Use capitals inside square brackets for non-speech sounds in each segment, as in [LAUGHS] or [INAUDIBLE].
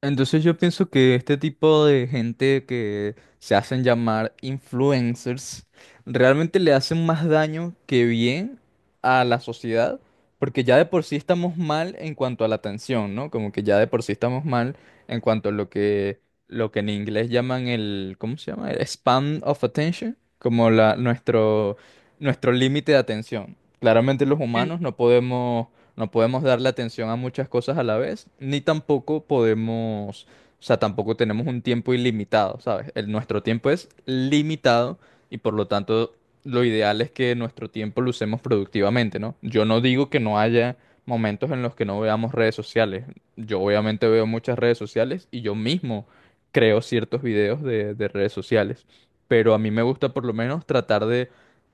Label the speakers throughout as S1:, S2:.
S1: Entonces yo pienso que este tipo de gente que se hacen llamar influencers realmente le hacen más daño que bien a la sociedad, porque ya de por sí estamos mal en cuanto a la atención, ¿no? Como que ya de por sí estamos mal en cuanto a lo que en inglés llaman el, ¿cómo se llama? El span of attention, como la nuestro nuestro límite de atención. Claramente los
S2: Mm,
S1: humanos no podemos darle atención a muchas cosas a la vez, ni tampoco podemos, o sea, tampoco tenemos un tiempo ilimitado, ¿sabes? Nuestro tiempo es limitado y por lo tanto lo ideal es que nuestro tiempo lo usemos productivamente, ¿no? Yo no digo que no haya momentos en los que no veamos redes sociales. Yo obviamente veo muchas redes sociales y yo mismo creo ciertos videos de redes sociales, pero a mí me gusta por lo menos tratar de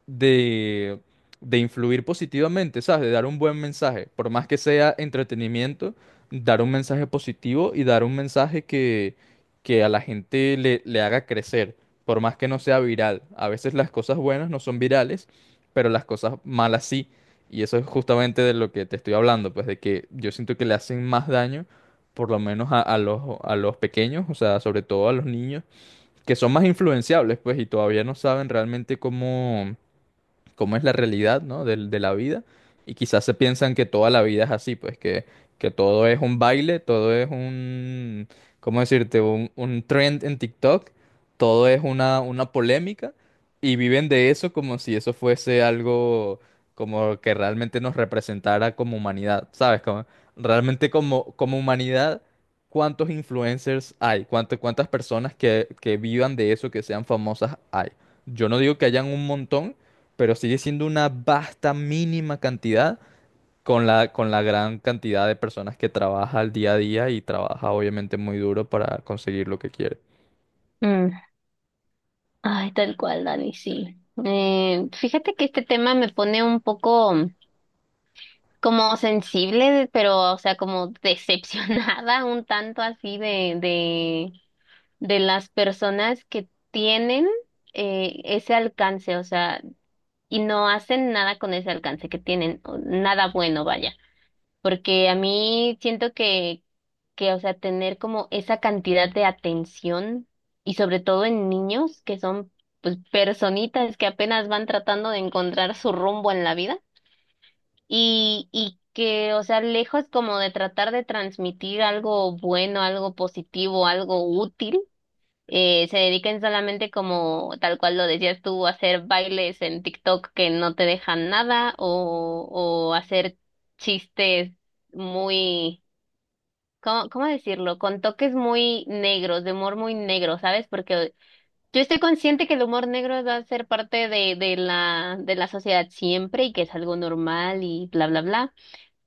S1: de de influir positivamente, ¿sabes? De dar un buen mensaje, por más que sea entretenimiento, dar un mensaje positivo y dar un mensaje que a la gente le haga crecer, por más que no sea viral. A veces las cosas buenas no son virales, pero las cosas malas sí. Y eso es justamente de lo que te estoy hablando, pues de que yo siento que le hacen más daño, por lo menos a a los pequeños, o sea, sobre todo a los niños, que son más influenciables, pues, y todavía no saben realmente cómo es la realidad, ¿no? De, la vida. Y quizás se piensan que toda la vida es así, pues que todo es un baile, ¿cómo decirte? Un trend en TikTok, todo es una polémica y viven de eso como si eso fuese algo como que realmente nos representara como humanidad, ¿sabes? Como, realmente como, como humanidad, ¿cuántos influencers hay? ¿Cuántas personas que vivan de eso, que sean famosas hay? Yo no digo que hayan un montón, pero sigue siendo una vasta mínima cantidad con con la gran cantidad de personas que trabaja al día a día y trabaja obviamente muy duro para conseguir lo que quiere.
S2: mm. Ay, tal cual, Dani, sí. Fíjate que este tema me pone un poco como sensible, pero, o sea, como decepcionada [LAUGHS] un tanto así de las personas que tienen ese alcance, o sea, y no hacen nada con ese alcance que tienen, o nada bueno, vaya. Porque a mí siento que, o sea, tener como esa cantidad de atención y sobre todo en niños que son pues personitas que apenas van tratando de encontrar su rumbo en la vida y que, o sea, lejos como de tratar de transmitir algo bueno, algo positivo, algo útil, se dediquen solamente como tal cual lo decías tú, a hacer bailes en TikTok que no te dejan nada o, o hacer chistes muy, ¿cómo, cómo decirlo? Con toques muy negros, de humor muy negro, ¿sabes? Porque yo estoy consciente que el humor negro va a ser parte de la sociedad siempre y que es algo normal y bla, bla, bla.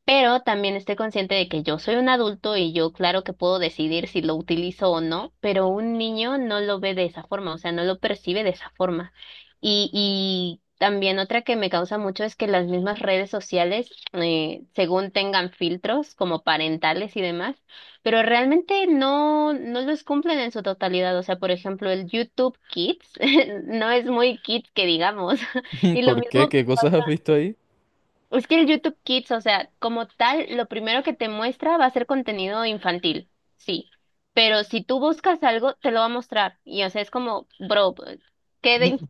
S2: Pero también estoy consciente de que yo soy un adulto y yo claro que puedo decidir si lo utilizo o no, pero un niño no lo ve de esa forma, o sea, no lo percibe de esa forma. Y también otra que me causa mucho es que las mismas redes sociales, según tengan filtros como parentales y demás, pero realmente no, no los cumplen en su totalidad. O sea, por ejemplo, el YouTube Kids [LAUGHS] no es muy kids que digamos. [LAUGHS]
S1: [LAUGHS]
S2: Y lo
S1: ¿Por qué?
S2: mismo
S1: ¿Qué cosas has visto ahí?
S2: es que el YouTube Kids, o sea, como tal, lo primero que te muestra va a ser contenido infantil, sí. Pero si tú buscas algo, te lo va a mostrar. Y o sea, es como, bro, ¿qué de,
S1: Mm.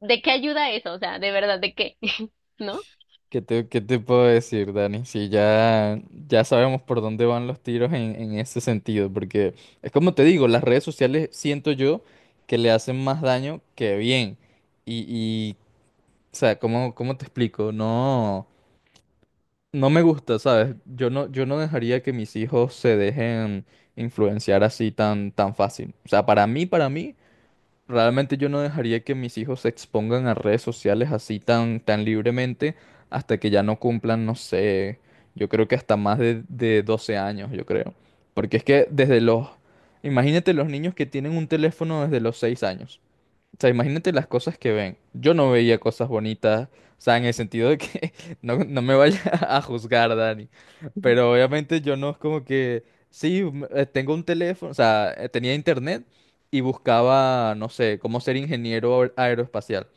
S2: ¿de qué ayuda eso? O sea, de verdad, ¿de qué? [LAUGHS] ¿No?
S1: ¿Qué te puedo decir, Dani? Si ya, Ya sabemos por dónde van los tiros en ese sentido, porque es como te digo, las redes sociales siento yo que le hacen más daño que bien. Y o sea, ¿cómo te explico? No. No me gusta, ¿sabes? Yo no dejaría que mis hijos se dejen influenciar así tan fácil. O sea, para mí, realmente yo no dejaría que mis hijos se expongan a redes sociales así tan libremente hasta que ya no cumplan, no sé, yo creo que hasta más de 12 años, yo creo. Porque es que desde los... Imagínate los niños que tienen un teléfono desde los 6 años. O sea, imagínate las cosas que ven. Yo no veía cosas bonitas, o sea, en el sentido de que [LAUGHS] no me vaya [LAUGHS] a juzgar, Dani. Pero obviamente yo no es como que, sí, tengo un teléfono, o sea, tenía internet y buscaba, no sé, cómo ser ingeniero aeroespacial.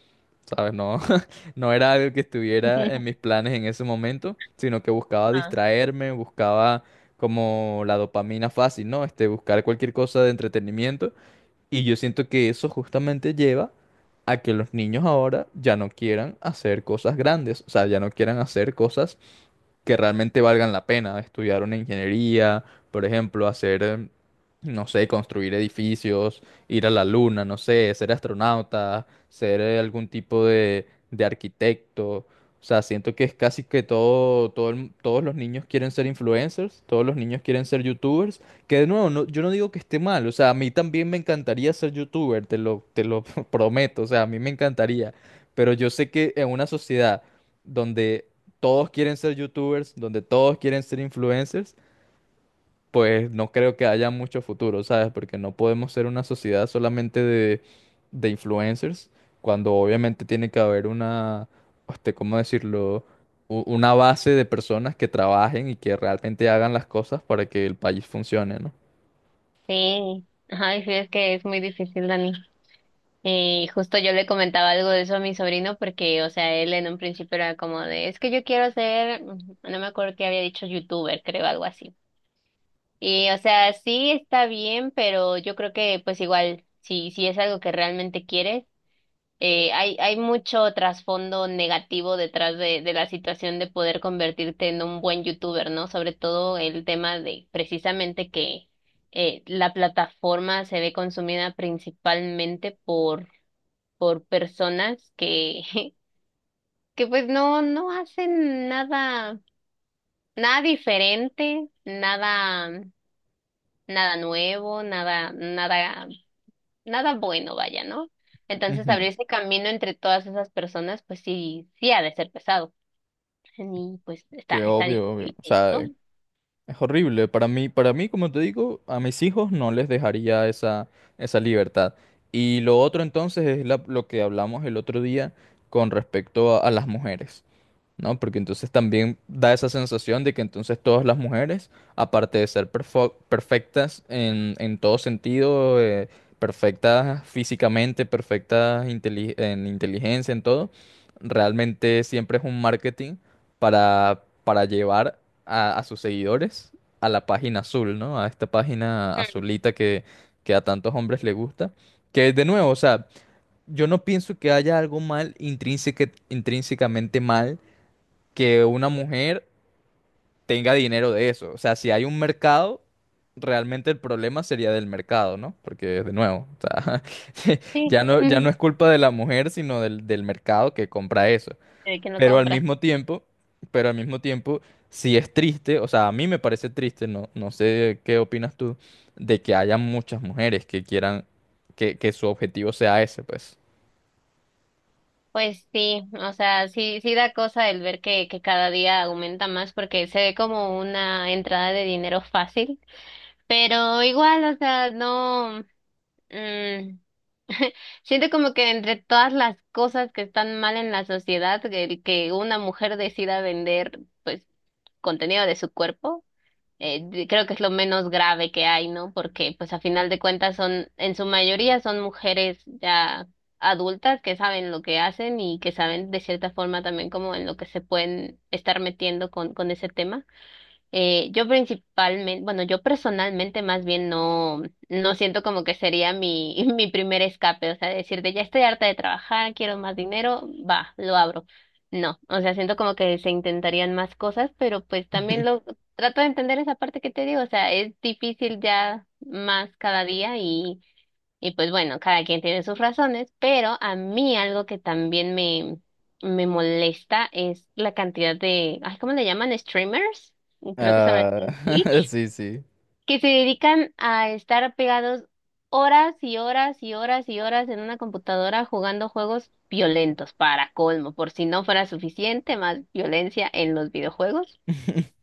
S1: ¿Sabes? No, [LAUGHS] no era algo que estuviera en mis planes en ese momento, sino que buscaba distraerme, buscaba como la dopamina fácil, ¿no? Este, buscar cualquier cosa de entretenimiento. Y yo siento que eso justamente lleva a que los niños ahora ya no quieran hacer cosas grandes, o sea, ya no quieran hacer cosas que realmente valgan la pena. Estudiar una ingeniería, por ejemplo, hacer, no sé, construir edificios, ir a la luna, no sé, ser astronauta, ser algún tipo de arquitecto. O sea, siento que es casi que todo, todos los niños quieren ser influencers, todos los niños quieren ser youtubers, que de nuevo, yo no digo que esté mal, o sea, a mí también me encantaría ser youtuber, te lo [LAUGHS] prometo, o sea, a mí me encantaría, pero yo sé que en una sociedad donde todos quieren ser youtubers, donde todos quieren ser influencers, pues no creo que haya mucho futuro, ¿sabes? Porque no podemos ser una sociedad solamente de influencers, cuando obviamente tiene que haber una, este, ¿cómo decirlo? Una base de personas que trabajen y que realmente hagan las cosas para que el país funcione, ¿no?
S2: Sí. Ay, sí, es que es muy difícil, Dani. Y justo yo le comentaba algo de eso a mi sobrino porque, o sea, él en un principio era como de, es que yo quiero ser, mm, no me acuerdo qué había dicho, youtuber, creo, algo así. Y, o sea, sí está bien, pero yo creo que pues igual, si es algo que realmente quieres, hay mucho trasfondo negativo detrás de la situación de poder convertirte en un buen youtuber, ¿no? Sobre todo el tema de precisamente que la plataforma se ve consumida principalmente por personas que, [LAUGHS] que pues no, no hacen nada, nada diferente, nada. Nada nuevo, nada, nada, nada bueno, vaya, ¿no? Entonces
S1: Ujú.
S2: abrirse camino entre todas esas personas, pues sí, sí ha de ser pesado. Y pues está,
S1: Que
S2: está
S1: obvio, obvio.
S2: difícil
S1: O sea,
S2: esto.
S1: es horrible. Para mí, como te digo, a mis hijos no les dejaría esa libertad. Y lo otro entonces es lo que hablamos el otro día con respecto a las mujeres. ¿No? Porque entonces también da esa sensación de que entonces todas las mujeres, aparte de ser perfectas en todo sentido, perfectas físicamente, perfectas en inteligencia, en todo, realmente siempre es un marketing para llevar a sus seguidores a la página azul, ¿no? A esta página
S2: Mm.
S1: azulita que a tantos hombres le gusta. Que de nuevo, o sea, yo no pienso que haya algo intrínsecamente mal que una mujer tenga dinero de eso. O sea, si hay un mercado, realmente el problema sería del mercado, ¿no? Porque, de nuevo, o sea, [LAUGHS]
S2: Sí.
S1: ya no, ya no es
S2: [LAUGHS]
S1: culpa de la mujer, sino del mercado que compra eso.
S2: De que no
S1: Pero al
S2: compra.
S1: mismo tiempo, pero al mismo tiempo, sí es triste, o sea, a mí me parece triste, no, no sé qué opinas tú, de que haya muchas mujeres que quieran que su objetivo sea ese, pues.
S2: Pues sí, o sea, sí, sí da cosa el ver que cada día aumenta más porque se ve como una entrada de dinero fácil, pero igual, o sea, no, mm, siento como que entre todas las cosas que están mal en la sociedad, el que una mujer decida vender, pues, contenido de su cuerpo, creo que es lo menos grave que hay, ¿no? Porque, pues, a final de cuentas son, en su mayoría son mujeres ya adultas que saben lo que hacen y que saben de cierta forma también como en lo que se pueden estar metiendo con ese tema. Yo principalmente, bueno, yo personalmente más bien no, no siento como que sería mi, [LAUGHS] mi primer escape, o sea, decirte, ya estoy harta de trabajar, quiero más dinero, va, lo abro. No, o sea, siento como que se intentarían más cosas, pero pues también
S1: [LAUGHS]
S2: lo trato de entender esa parte que te digo, o sea, es difícil ya más cada día y pues bueno, cada quien tiene sus razones, pero a mí algo que también me molesta es la cantidad de, ay, ¿cómo le llaman? Streamers, creo que se llama
S1: Ah,
S2: en
S1: [LAUGHS]
S2: Twitch,
S1: sí, sí.
S2: que se dedican a estar pegados horas y horas y horas y horas en una computadora jugando juegos violentos, para colmo, por si no fuera suficiente, más violencia en los videojuegos.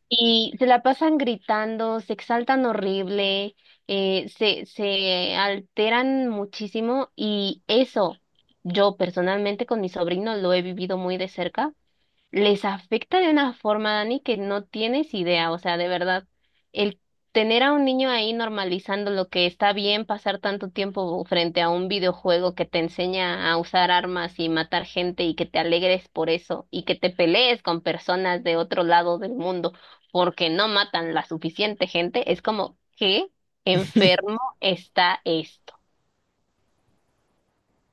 S2: Y se la pasan gritando, se exaltan horrible, se alteran muchísimo y eso yo personalmente con mi sobrino lo he vivido muy de cerca, les afecta de una forma, Dani, que no tienes idea, o sea, de verdad, el tener a un niño ahí normalizando lo que está bien pasar tanto tiempo frente a un videojuego que te enseña a usar armas y matar gente y que te alegres por eso y que te pelees con personas de otro lado del mundo porque no matan la suficiente gente, es como, ¿qué enfermo está